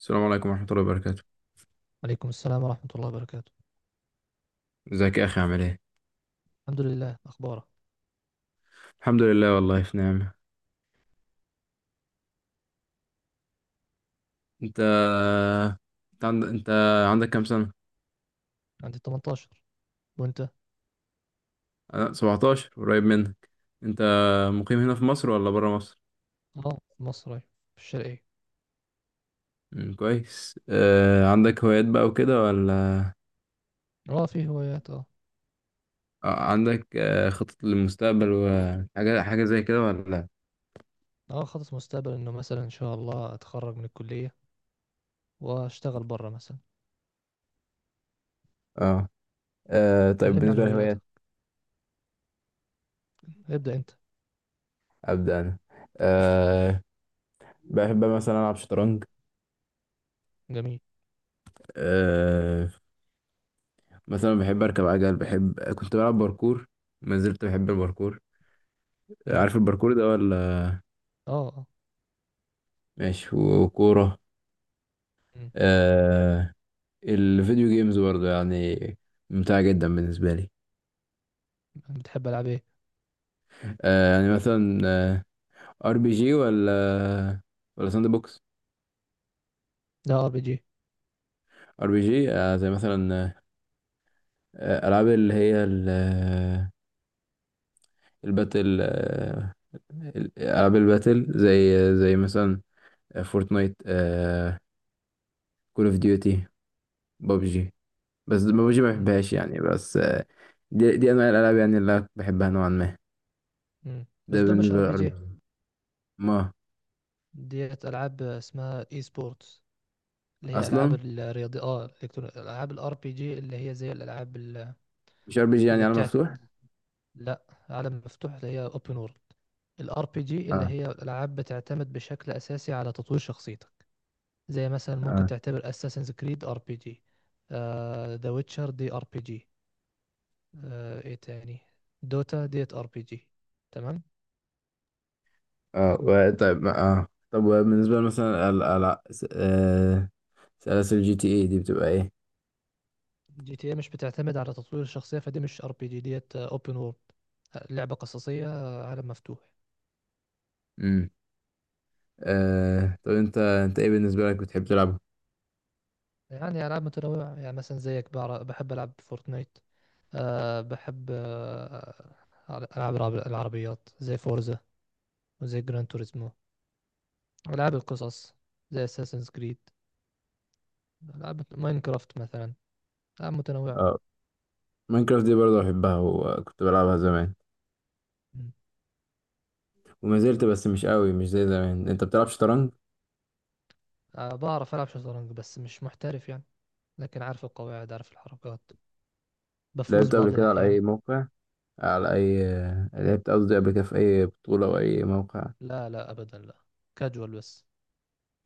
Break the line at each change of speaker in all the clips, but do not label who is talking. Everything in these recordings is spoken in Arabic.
السلام عليكم ورحمة الله وبركاته.
عليكم السلام ورحمة الله وبركاته.
ازيك يا أخي عامل ايه؟
الحمد لله، أخبارك؟
الحمد لله، والله في نعمة. انت انت عندك كام سنة؟
عندي 18، وأنت؟
أنا 17 قريب منك. انت مقيم هنا في مصر ولا برا مصر؟
اه، في مصر، أيوة، في الشرقية.
مم، كويس. عندك هوايات بقى وكده ولا؟
اه، في هوايات، اه.
عندك خطط للمستقبل وحاجة حاجة زي كده ولا؟
اه، خطط مستقبل إنه مثلا إن شاء الله أتخرج من الكلية، وأشتغل برا مثلا.
اه. طيب
كلمني عن
بالنسبة
هواياتك،
للهوايات.
ابدأ أنت.
أبدأ أنا. آه... بحب مثلا ألعب شطرنج.
جميل.
آه، مثلا بحب اركب عجل، بحب كنت بلعب باركور. ما زلت بحب الباركور.
مم.
عارف الباركور ده ولا؟
اه، اه.
ماشي وكورة.
مم.
آه الفيديو جيمز برضه يعني ممتعة جدا بالنسبة لي.
بتحب ألعاب إيه؟
يعني مثلا ار بي جي، ولا ساند بوكس؟
لا، RPG.
ار بي جي، زي مثلا، العاب اللي هي ال- آه، الباتل. العاب الباتل، زي مثلا فورتنايت، كول اوف ديوتي، بابجي. بس ببجي ما
مم.
بحبهاش يعني، بس. دي انواع الالعاب يعني اللي أنا بحبها نوعا ما.
مم.
ده
بس دول مش
بالنسبه
ار بي
للار بي
جي.
جي. ما
ديت ألعاب اسمها اي سبورتس، اللي هي ألعاب
اصلا
الرياضي ألعاب الار بي جي اللي هي زي الألعاب
مش ار بي جي يعني
اللي
على
بتاعت.
مفتوح.
لا، عالم مفتوح اللي هي اوبن وورلد. الار بي جي اللي
اه،
هي الالعاب بتعتمد بشكل اساسي على تطوير شخصيتك. زي مثلا ممكن
اه،
تعتبر اساسنز كريد ار بي جي. ذا ويتشر دي ار بي جي. ايه تاني؟ دوتا ديت ار بي جي. تمام.
اه. طيب، طب وبالنسبه مثلا ال آه، سلاسل جي تي اي دي بتبقى ايه؟
GTA مش بتعتمد على تطوير الشخصية، فدي مش ار بي جي. ديت اوبن وورلد، لعبة قصصية، عالم مفتوح.
امم طب انت ايه بالنسبه لك بتحب تلعبها؟
يعني العاب متنوعة، يعني مثلا زيك بحب العب فورتنايت. أه، بحب ألعاب العربيات زي فورزا، وزي جران توريزمو. ألعاب القصص زي اساسنز كريد. ألعاب ماينكرافت مثلا. ألعاب متنوعة.
اه. ماينكرافت دي برضه بحبها وكنت بلعبها زمان
مم.
وما زلت، بس مش قوي، مش زي زمان. انت بتلعب شطرنج؟
أه، بعرف ألعب شطرنج بس مش محترف يعني، لكن عارف القواعد، عارف الحركات، بفوز
لعبت قبل
بعض
كده على
الأحيان.
اي موقع، على أي لعبت، قصدي، قبل كده في أي بطولة أو أي موقع؟
لا، لا، أبدا، لا. كاجوال بس.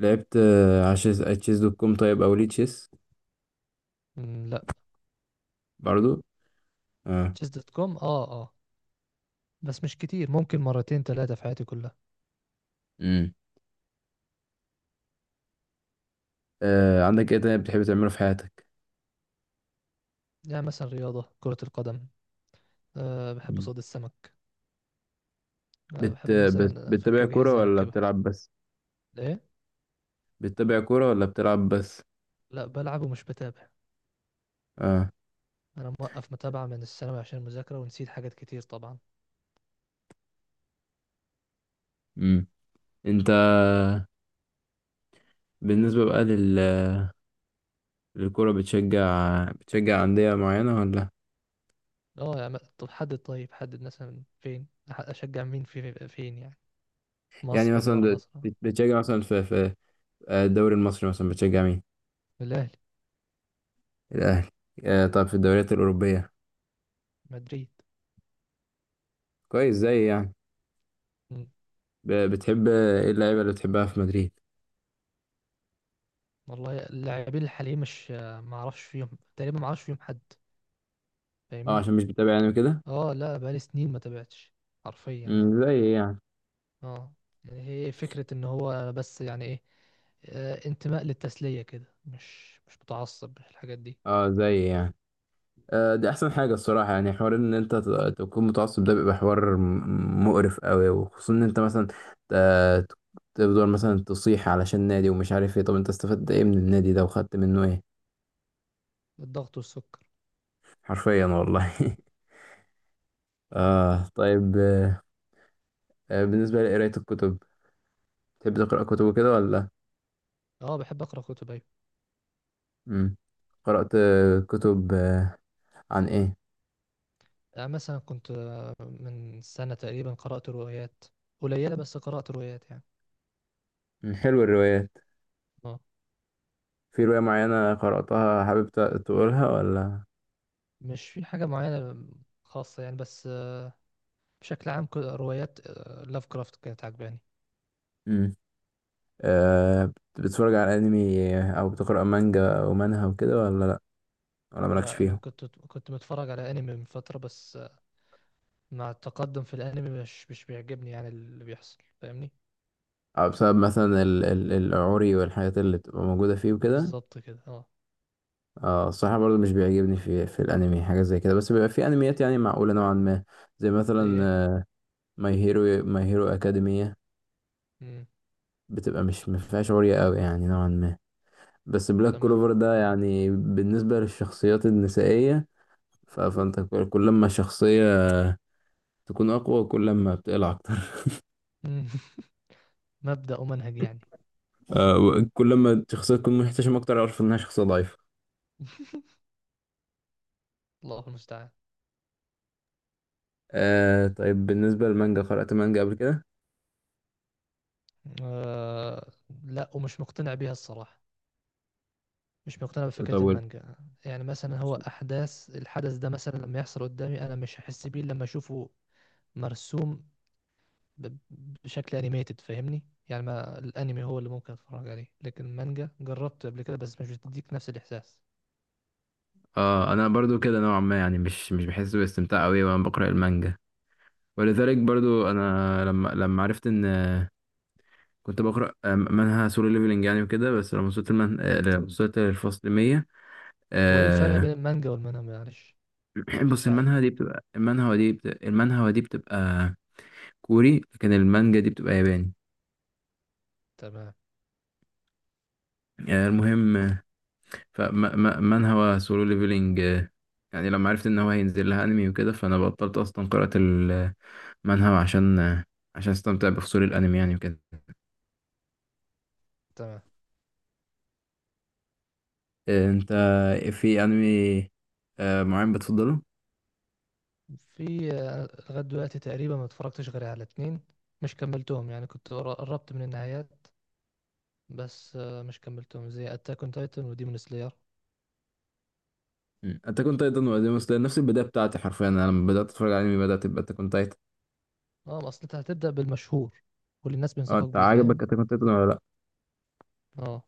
لعبت على شيز، على تشيز دوت كوم، طيب، أو ليه تشيس
مم، لا.
برضو؟ اه.
تشيس دوت كوم، اه، اه. بس مش كتير، ممكن مرتين ثلاثة في حياتي كلها.
امم عندك إيه تاني بتحب تعمله في حياتك؟
يعني مثلا رياضة كرة القدم، أه، بحب
مم.
صيد السمك. أنا بحب مثلا أفك
بتتابع كورة
أجهزة
ولا
أركبها.
بتلعب بس؟
إيه؟
بتتابع كورة ولا بتلعب بس؟
لا، بلعب ومش بتابع.
اه.
أنا موقف متابعة من الثانوي عشان المذاكرة، ونسيت حاجات كتير طبعا.
امم أنت، بالنسبة بقى الكورة، بتشجع أندية معينة ولا؟
أه، يعني طب حدد، طيب حدد مثلا فين أشجع مين في فين يعني،
يعني
مصر ولا
مثلا
برا مصر؟
بتشجع مثلا في الدوري المصري، مثلا بتشجع مين؟
الأهلي.
الأهلي. طب في الدوريات الأوروبية؟
مدريد.
كويس، زي يعني.
مم.
بتحب إيه اللعيبة اللي بتحبها في مدريد؟
والله اللاعبين الحاليين مش ما أعرفش فيهم، تقريبا ما أعرفش فيهم حد،
أه،
فاهمني.
عشان مش بتابع يعني كده.
أه، لا، بقالي سنين ما تابعتش حرفيا يعني.
زي يعني.
اه، يعني هي فكرة ان هو بس يعني ايه، انتماء للتسلية كده، مش متعصب الحاجات دي.
أه، زي يعني. دي أحسن حاجة الصراحة، يعني حوار إن أنت تكون متعصب ده بيبقى حوار مقرف أوي، وخصوصا إن أنت مثلا ت- تفضل مثلا تصيح علشان نادي ومش عارف إيه. طب أنت استفدت إيه من النادي ده وخدت منه إيه؟
الضغط والسكر.
حرفيا والله.
مم.
طيب. بالنسبة لقراية الكتب، تحب تقرأ كتب وكده ولا؟
اه، بحب اقرا كتب، ايوه.
مم. قرأت كتب عن إيه؟
مثلا كنت، من سنة تقريبا قرأت روايات قليلة، بس قرأت روايات يعني.
مم. حلو الروايات.
اه،
في رواية معينة قرأتها، حابب تقولها ولا؟
مش في حاجة معينة خاصة يعني، بس بشكل عام روايات لاف كرافت كانت عجباني.
مم. أه. بتتفرج على أنمي أو بتقرأ مانجا أو منهوا وكده، ولا لأ، ولا مالكش
لا، انا
فيهم؟
كنت متفرج على انمي من فترة، بس مع التقدم في الانمي مش بيعجبني يعني اللي بيحصل، فاهمني.
أو بسبب مثلا ال العوري والحاجات اللي بتبقى موجودة فيه وكده؟
بالظبط كده، اه.
اه، الصراحة برضو مش بيعجبني في الأنمي حاجة زي كده، بس بيبقى في أنميات يعني معقولة نوعا ما، زي
زي ايه؟
مثلا ماي هيرو أكاديمية.
مم.
بتبقى مش مفيهاش عورية أوي يعني نوعا ما. بس بلاك
تمام.
كلوفر ده، يعني بالنسبة للشخصيات النسائية، فانت كل ما الشخصية تكون أقوى، كل ما بتقلع أكتر.
مم. مبدأ ومنهج يعني.
كل ما الشخصية تكون محتشمة أكتر، أعرف إنها شخصية ضعيفة.
الله المستعان.
طيب بالنسبة للمانجا، قرأت مانجا قبل كده؟
آه لا، ومش مقتنع بيها الصراحة، مش مقتنع
طب.
بفكرة المانجا. يعني مثلا هو أحداث الحدث ده مثلا لما يحصل قدامي أنا مش هحس بيه لما أشوفه مرسوم ب- بشكل أنيميتد، فاهمني. يعني ما الأنمي هو اللي ممكن أتفرج عليه، لكن المانجا جربت قبل كده بس مش بتديك نفس الإحساس.
اه، انا برضو كده نوعا ما، يعني مش بحس باستمتاع قوي وانا بقرا المانجا. ولذلك
مم.
برضو انا، لما عرفت ان كنت بقرا منها سولو ليفلنج يعني وكده، بس لما وصلت المن... آه، لما وصلت للفصل 100.
هو إيه الفرق بين المانجا والمانهوا معلش؟
بص،
مش عارف.
المانهوا دي بتبقى كوري، لكن المانجا دي بتبقى ياباني.
تمام.
المهم، فمانهوا سولو ليفلينج. يعني لما عرفت ان هو هينزل لها انمي وكده، فانا بطلت اصلا قراءة المانهوا، عشان عشان استمتع بفصول الانمي يعني وكده.
تمام.
انت، في انمي معين بتفضله؟
في لغاية دلوقتي تقريبا ما اتفرجتش غير على اتنين، مش كملتهم يعني، كنت قربت من النهايات، بس مش كملتهم، زي اتاك اون تايتن وديمون سلاير.
مم. انت كنت ايضا ولا ديمون سلاير؟ نفس البداية بتاعتي حرفيا، انا لما بدأت اتفرج على انمي بدأت تبقى انت كنت ايضا.
اه، اصل انت هتبدأ بالمشهور واللي الناس
اه،
بينصحوك
انت
بيه،
عجبك
فاهم.
انت كنت ايضا ولا لا؟
اه.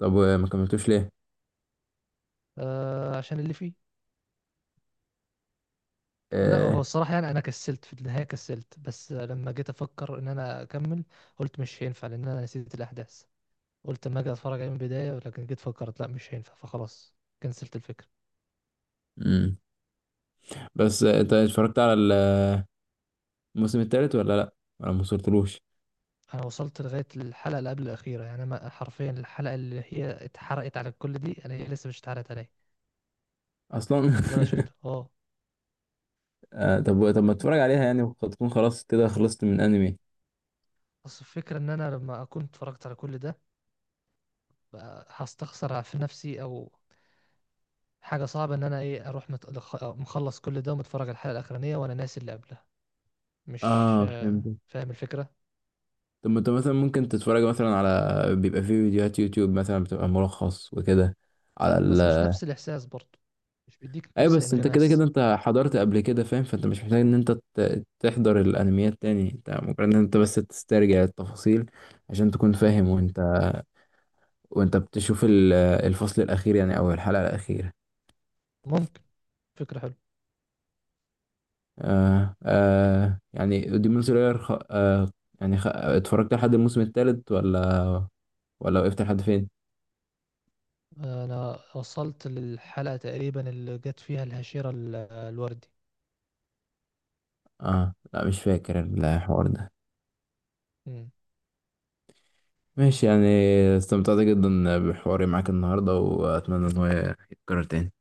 طب وما كملتوش
عشان اللي فيه. لا، هو
ليه؟
الصراحة يعني أنا كسلت في النهاية، كسلت بس لما جيت أفكر إن أنا أكمل، قلت مش هينفع لأن أنا نسيت الأحداث. قلت أما أجي أتفرج عليه من البداية، لكن جيت فكرت لا مش هينفع، فخلاص كنسلت الفكرة.
امم بس انت اتفرجت على الموسم الثالث ولا لا؟ انا ما وصلتلوش
انا وصلت لغايه الحلقه اللي قبل الاخيره يعني، انا حرفيا الحلقه اللي هي اتحرقت على الكل دي انا هي لسه مش اتحرقت عليا
اصلا.
ولا شفتها، اه.
طب، طب ما تتفرج عليها يعني، وقد تكون خلاص كده خلصت من انمي.
بس الفكره ان انا لما اكون اتفرجت على كل ده بقى هستخسر في نفسي، او حاجه صعبه ان انا ايه، اروح مخلص كل ده ومتفرج على الحلقه الاخرانيه وانا ناسي اللي قبلها، مش
اه، فهمت.
آه، فاهم الفكره.
طب ما انت مثلا ممكن تتفرج مثلا على بيبقى في فيديوهات يوتيوب مثلا بتبقى ملخص وكده. على
بس مش
ال
نفس الاحساس برضه، مش بيديك
اي،
نفس
بس انت كده كده
الانغماس.
انت حضرت قبل كده، فاهم، فانت مش محتاج ان انت تحضر الانميات تاني، انت ممكن ان انت بس تسترجع التفاصيل عشان تكون
مم.
فاهم، وانت، وانت بتشوف الفصل الاخير، يعني او الحلقة الاخيرة.
ممكن. فكره حلوه.
يعني ديمون سلاير، خ... آه يعني، اتفرجت لحد الموسم الثالث ولا وقفت لحد فين؟
انا وصلت للحلقه تقريبا اللي جت فيها الهشيره الوردي.
اه، لا، مش فاكر الحوار ده.
مم.
ماشي يعني. استمتعت جدا بحواري معاك النهاردة، وأتمنى إن هو يتكرر تاني.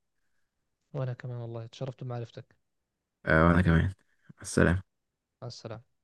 وأنا كمان والله، اتشرفت بمعرفتك.
وأنا كمان. مع السلامة.
مع السلامة.